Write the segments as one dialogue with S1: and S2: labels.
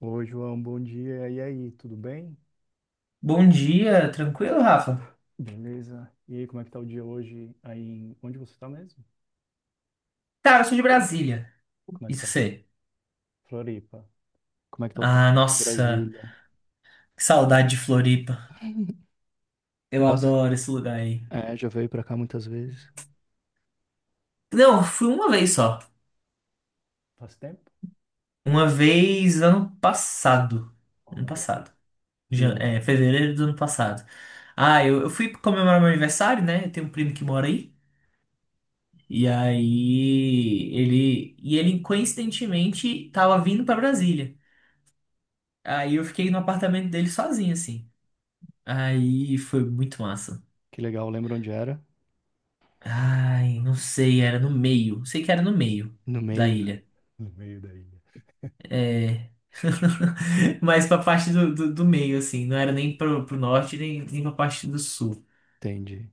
S1: Oi, João, bom dia. E aí, tudo bem?
S2: Bom dia, tranquilo, Rafa?
S1: Beleza? E aí, como é que tá o dia hoje aí em... Onde você tá mesmo?
S2: Cara, eu sou de Brasília.
S1: Como é que
S2: Isso
S1: tá
S2: sei.
S1: Floripa? Como é que tá o tempo
S2: Ah,
S1: aí em
S2: nossa,
S1: Brasília?
S2: que saudade de Floripa. Eu
S1: Gosta?
S2: adoro esse lugar aí.
S1: É, já veio pra cá muitas vezes.
S2: Não, fui uma vez só.
S1: Faz tempo?
S2: Uma vez ano passado. Ano
S1: Olha.
S2: passado.
S1: E aí?
S2: É, fevereiro do ano passado. Ah, eu fui comemorar meu aniversário, né? Eu tenho um primo que mora aí. E aí ele. E ele, coincidentemente, tava vindo pra Brasília. Aí eu fiquei no apartamento dele sozinho, assim. Aí foi muito massa.
S1: Que legal, lembra onde era?
S2: Ai, não sei, era no meio. Sei que era no meio
S1: No
S2: da
S1: meio.
S2: ilha.
S1: No meio da ilha.
S2: É. Mas pra parte do meio, assim. Não era nem pro norte, nem pra parte do sul.
S1: Entendi.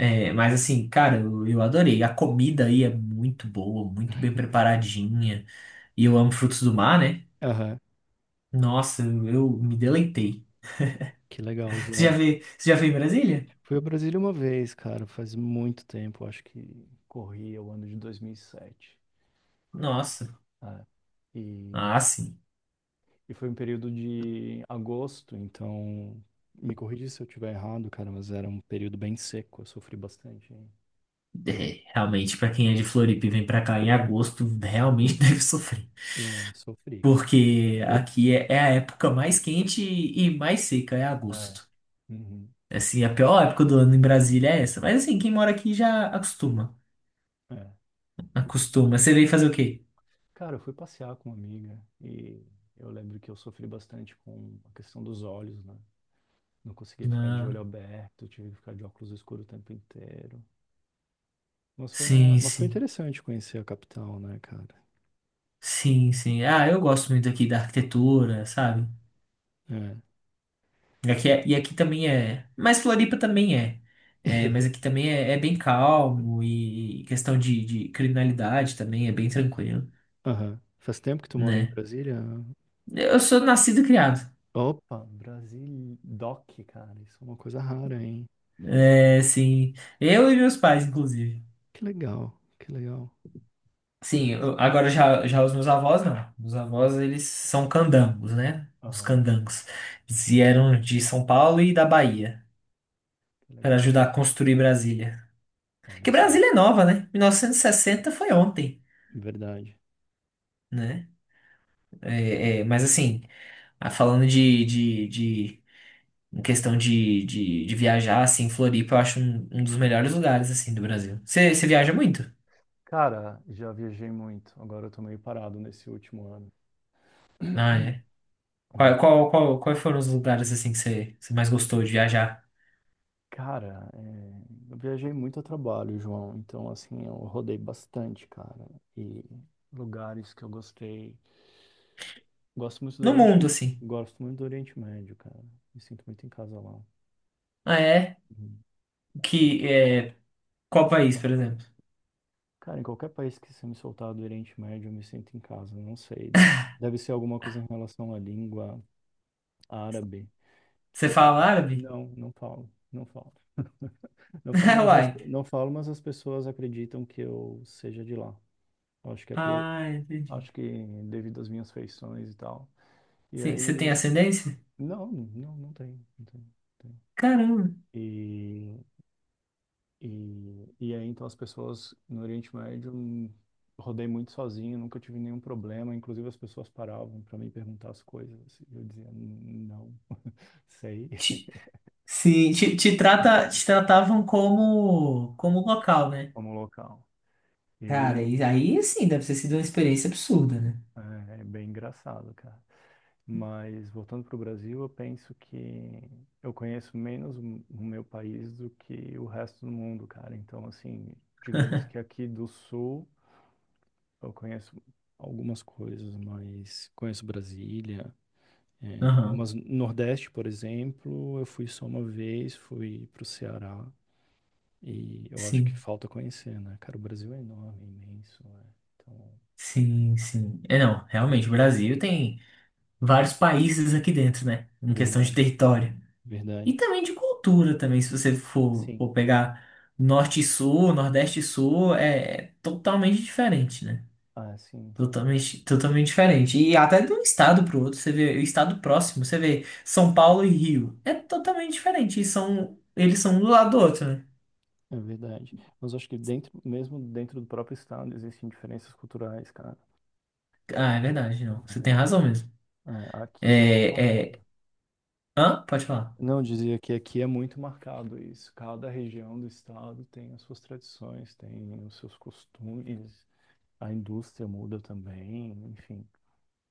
S2: É, mas assim, cara, eu adorei. A comida aí é muito boa, muito bem preparadinha. E eu amo frutos do mar, né?
S1: Aham,
S2: Nossa, eu me deleitei.
S1: que legal, João.
S2: Você já veio em Brasília?
S1: Fui a Brasília uma vez, cara, faz muito tempo, acho que corria o ano de 2007.
S2: Nossa.
S1: É.
S2: Ah, sim.
S1: E foi um período de agosto, então me corrija se eu estiver errado, cara, mas era um período bem seco, eu sofri bastante, hein?
S2: É, realmente, pra quem é de Floripa e vem pra cá em agosto, realmente deve sofrer.
S1: É, sofri, cara.
S2: Porque aqui é, é a época mais quente e mais seca, é
S1: É.
S2: agosto.
S1: Uhum.
S2: Assim, a pior época do ano em Brasília é essa. Mas assim, quem mora aqui já acostuma.
S1: É.
S2: Acostuma. Você veio fazer o quê?
S1: Cara, eu fui passear com uma amiga e eu lembro que eu sofri bastante com a questão dos olhos, né? Não conseguia ficar de
S2: Ah,
S1: olho aberto, tive que ficar de óculos escuros o tempo inteiro. Mas foi uma...
S2: sim,
S1: mas foi
S2: sim.
S1: interessante conhecer a capital, né, cara?
S2: Sim, sim. Ah, eu gosto muito aqui da arquitetura, sabe?
S1: É.
S2: E aqui também é. Mas Floripa também é. É, mas aqui também é, é bem calmo e questão de criminalidade também é bem tranquilo,
S1: Aham. Faz tempo que tu mora em
S2: né?
S1: Brasília?
S2: Eu sou nascido e criado.
S1: Opa, Brasil Doc, cara. Isso é uma coisa rara, hein?
S2: É, sim. Eu e meus pais, inclusive.
S1: Que legal, que legal.
S2: Sim,
S1: Brasil.
S2: agora já os meus avós, não. Os avós, eles são candangos, né? Os
S1: Aham,
S2: candangos. Eles vieram de São Paulo e da Bahia
S1: que
S2: para
S1: legal.
S2: ajudar a construir Brasília.
S1: Olha
S2: Que
S1: só.
S2: Brasília é nova, né? 1960 foi ontem,
S1: Verdade.
S2: né? É, é, mas assim, ah, falando de em questão de viajar, assim, Floripa eu acho um dos melhores lugares, assim, do Brasil. Você viaja muito?
S1: Cara, já viajei muito. Agora eu tô meio parado nesse último ano.
S2: Ah, é?
S1: Hum.
S2: Quais foram os lugares assim que você mais gostou de viajar?
S1: Cara, é, eu viajei muito a trabalho, João. Então, assim, eu rodei bastante, cara. E lugares que eu gostei. Gosto muito do
S2: No mundo,
S1: Oriente,
S2: assim.
S1: gosto muito do Oriente Médio, cara. Me sinto muito em casa lá.
S2: Ah, é?
S1: Uhum.
S2: Que, é, qual país, por exemplo?
S1: Cara, em qualquer país que você me soltar do Oriente Médio, eu me sinto em casa. Não sei, deve, deve ser alguma coisa em relação à língua árabe
S2: Você
S1: que
S2: fala árabe?
S1: não, não falo, não falo. Não falo, mas as,
S2: Uai.
S1: não falo, mas as pessoas acreditam que eu seja de lá. Eu acho que é pela,
S2: Ah, entendi.
S1: acho que devido às minhas feições e tal. E
S2: Sim, você tem
S1: aí,
S2: ascendência?
S1: não, não, não tem, não tem, não
S2: Caramba.
S1: tem. E aí, então, as pessoas no Oriente Médio, rodei muito sozinho, nunca tive nenhum problema. Inclusive, as pessoas paravam para me perguntar as coisas. E eu dizia, não sei.
S2: Te- sim, te tratavam como, como local, né?
S1: Como local.
S2: Cara,
S1: E
S2: e aí sim, deve ter sido uma experiência absurda, né?
S1: é, é bem engraçado, cara. Mas, voltando para o Brasil, eu penso que eu conheço menos o meu país do que o resto do mundo, cara. Então, assim, digamos que aqui do Sul, eu conheço algumas coisas, mas conheço Brasília. É,
S2: Aham.
S1: mas Nordeste, por exemplo, eu fui só uma vez, fui pro Ceará e eu acho que
S2: Sim,
S1: falta conhecer, né? Cara, o Brasil é enorme, imenso, né? Então,
S2: sim, sim. É, não, realmente, o Brasil tem vários países aqui dentro, né? Em questão de
S1: verdade,
S2: território. E
S1: verdade.
S2: também de cultura também, se você for,
S1: Sim.
S2: for pegar norte e sul, nordeste e sul, é, é totalmente diferente, né?
S1: Ah, sim, são-
S2: Totalmente, totalmente diferente. E até de um estado para o outro, você vê o estado próximo, você vê São Paulo e Rio, é totalmente diferente. E são, eles são um do lado do outro, né?
S1: é verdade. Mas eu acho que dentro, mesmo dentro do próprio estado, existem diferenças culturais, cara.
S2: Ah, é verdade, não. Você tem razão mesmo.
S1: É, aqui é muito
S2: É,
S1: marcado.
S2: é... Hã? Pode falar.
S1: Não, eu dizia que aqui é muito marcado isso. Cada região do estado tem as suas tradições, tem os seus costumes, a indústria muda também, enfim.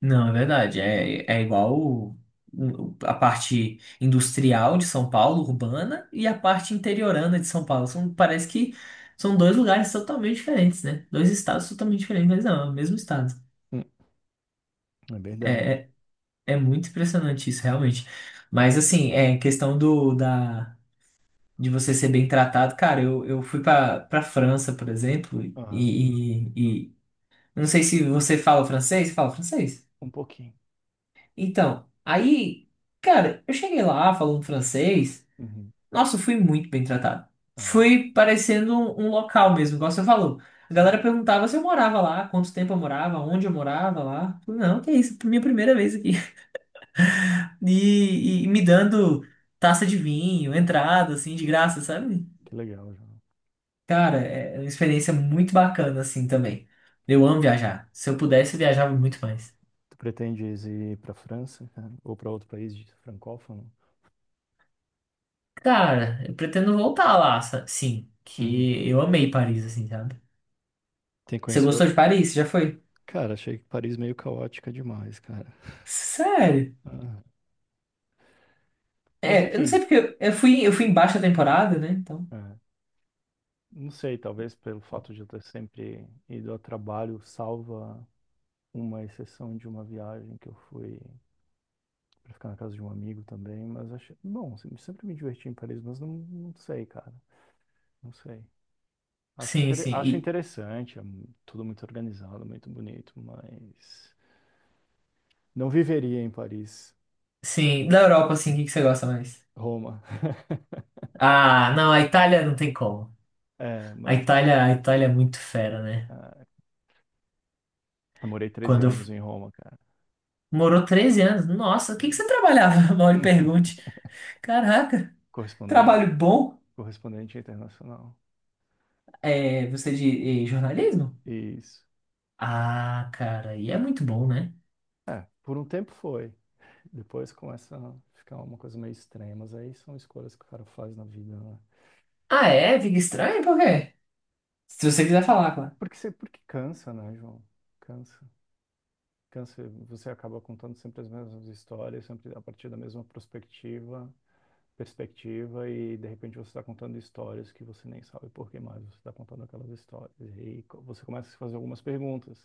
S2: Não, é verdade.
S1: Ah,
S2: É, é igual a parte industrial de São Paulo, urbana, e a parte interiorana de São Paulo. São, parece que são dois lugares totalmente diferentes, né? Dois estados totalmente diferentes, mas não, é o mesmo estado.
S1: Hum, é
S2: É,
S1: verdade.
S2: é, é muito impressionante isso, realmente. Mas, assim, é questão de você ser bem tratado. Cara, eu fui pra França, por exemplo,
S1: Aham.
S2: não sei se você fala francês. Fala francês?
S1: Um pouquinho.
S2: Então, aí, cara, eu cheguei lá falando francês.
S1: Uhum.
S2: Nossa, eu fui muito bem tratado.
S1: Ah,
S2: Fui parecendo um local mesmo, igual você falou. A galera
S1: sim.
S2: perguntava se eu morava lá, quanto tempo eu morava, onde eu morava lá. Falei, não, que isso, minha primeira vez aqui. E, e me dando taça de vinho, entrada, assim, de graça, sabe?
S1: Que legal, João.
S2: Cara, é uma experiência muito bacana, assim, também. Eu amo viajar. Se eu pudesse, eu viajava muito mais.
S1: Tu pretendes ir para França, cara? Ou para outro país de francófono?
S2: Cara, eu pretendo voltar lá, sim.
S1: Uhum.
S2: Que eu amei Paris, assim, sabe?
S1: Tem que
S2: Você
S1: conhecer
S2: gostou
S1: outro.
S2: de Paris? Você já foi?
S1: Cara, achei que Paris meio caótica demais, cara.
S2: Sério?
S1: Ah, mas
S2: É, eu não sei
S1: enfim,
S2: porque eu fui em baixa temporada, né? Então,
S1: é, não sei, talvez pelo fato de eu ter sempre ido a trabalho, salva uma exceção de uma viagem que eu fui pra ficar na casa de um amigo também, mas acho, bom, se- sempre me diverti em Paris, mas não, não sei, cara, não sei. Acho,
S2: sim,
S1: intere-
S2: sim.
S1: acho
S2: E,
S1: interessante, é mu- tudo muito organizado, muito bonito, mas não viveria em Paris.
S2: sim. Da Europa, assim, o que que você gosta mais?
S1: Roma.
S2: Ah, não, a Itália não tem como.
S1: É,
S2: A
S1: mas
S2: Itália, a Itália é muito fera, né?
S1: ah, eu morei 13
S2: Quando eu...
S1: anos
S2: f-
S1: em Roma, cara.
S2: Morou 13 anos. Nossa, o que que
S1: Sim.
S2: você trabalhava? Mal lhe pergunte. Caraca.
S1: Correspondente,
S2: Trabalho bom?
S1: correspondente internacional.
S2: É, você é de jornalismo?
S1: Isso.
S2: Ah, cara, e é muito bom, né?
S1: É, por um tempo foi. Depois começa a ficar uma coisa meio estranha, mas aí são escolhas que o cara faz na vida, né?
S2: Ah, é? Fica estranho? Por quê? Se você quiser falar, claro.
S1: Porque, você, porque cansa, né, João? Cansa. Cansa. Você acaba contando sempre as mesmas histórias, sempre a partir da mesma perspectiva, perspectiva, e de repente você está contando histórias que você nem sabe por que mais você está contando aquelas histórias. E aí co- você começa a se fazer algumas perguntas.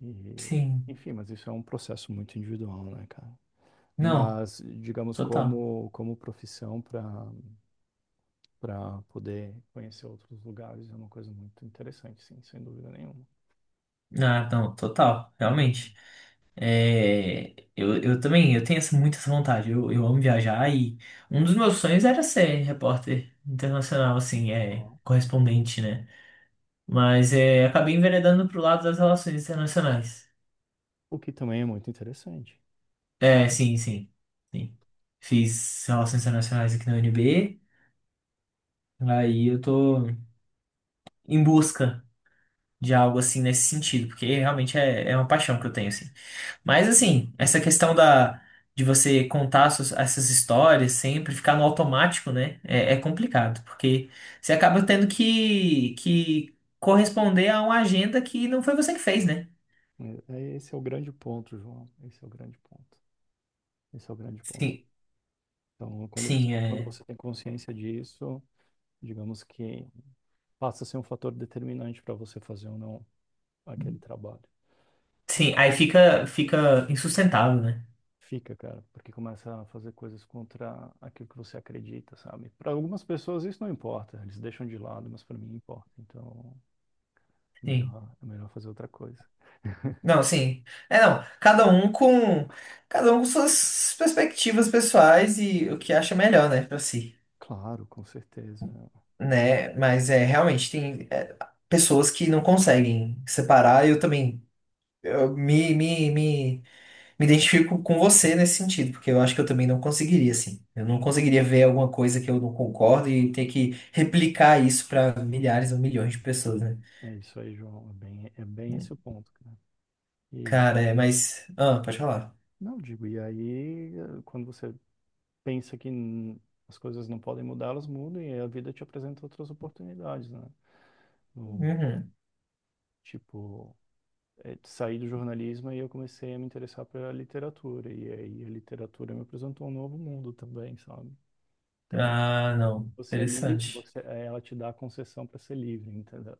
S1: E,
S2: Sim.
S1: enfim, mas isso é um processo muito individual, né, cara?
S2: Não,
S1: Mas, digamos,
S2: total.
S1: como, como profissão para poder conhecer outros lugares é uma coisa muito interessante, sim, sem dúvida nenhuma.
S2: Ah, não, total,
S1: Hum.
S2: realmente. É, eu também, eu tenho essa, muito essa vontade. Eu amo viajar e um dos meus sonhos era ser repórter internacional, assim, é,
S1: Ó.
S2: correspondente, né? Mas é, acabei enveredando pro lado das relações internacionais.
S1: O que também é muito interessante.
S2: É, sim, sim, sim. Fiz relações internacionais aqui na UNB, aí eu tô em busca de algo assim nesse sentido, porque realmente é, é uma paixão que eu tenho, assim. Mas assim, essa questão da de você contar essas histórias sempre, ficar no automático, né? É, é complicado, porque você acaba tendo que corresponder a uma agenda que não foi você que fez, né?
S1: É- é- esse é o grande ponto, João. Esse é o grande ponto. Esse é o grande ponto.
S2: Sim,
S1: Então,
S2: sim,
S1: quando
S2: é.
S1: você tem consciência disso, digamos que passa a ser um fator determinante para você fazer ou não aquele trabalho.
S2: Sim,
S1: E
S2: aí fica, fica insustentável, né?
S1: fica, cara, porque começa a fazer coisas contra aquilo que você acredita, sabe? Para algumas pessoas isso não importa, eles deixam de lado, mas para mim importa. Então,
S2: Sim.
S1: melhor, é melhor fazer outra coisa.
S2: Não, sim. É, não, cada um com suas perspectivas pessoais e o que acha melhor, né, pra si.
S1: Claro, com certeza.
S2: Né? Mas é realmente tem é, pessoas que não conseguem separar. Eu também eu me, me, me, me identifico com você nesse sentido, porque eu acho que eu também não conseguiria, assim. Eu não conseguiria ver alguma coisa que eu não concordo e ter que replicar isso para milhares ou milhões de pessoas, né?
S1: É isso aí, João. É bem esse o ponto, cara. E
S2: Cara, é, mas. Ah, pode falar.
S1: não digo, e aí quando você pensa que n- as coisas não podem mudar, elas mudam e a vida te apresenta outras oportunidades, né? No,
S2: Uhum.
S1: tipo, saí do jornalismo e eu comecei a me interessar pela literatura e aí a literatura me apresentou um novo mundo também, sabe? Então,
S2: Ah, não.
S1: você é livre,
S2: Interessante.
S1: você, ela te dá a concessão para ser livre, entendeu?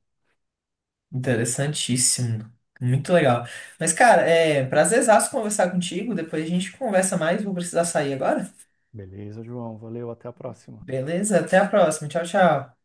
S2: Interessantíssimo. Muito legal. Mas, cara, é prazerzaço conversar contigo. Depois a gente conversa mais. Vou precisar sair agora.
S1: Beleza, João. Valeu, até a próxima.
S2: Beleza? Até a próxima. Tchau, tchau.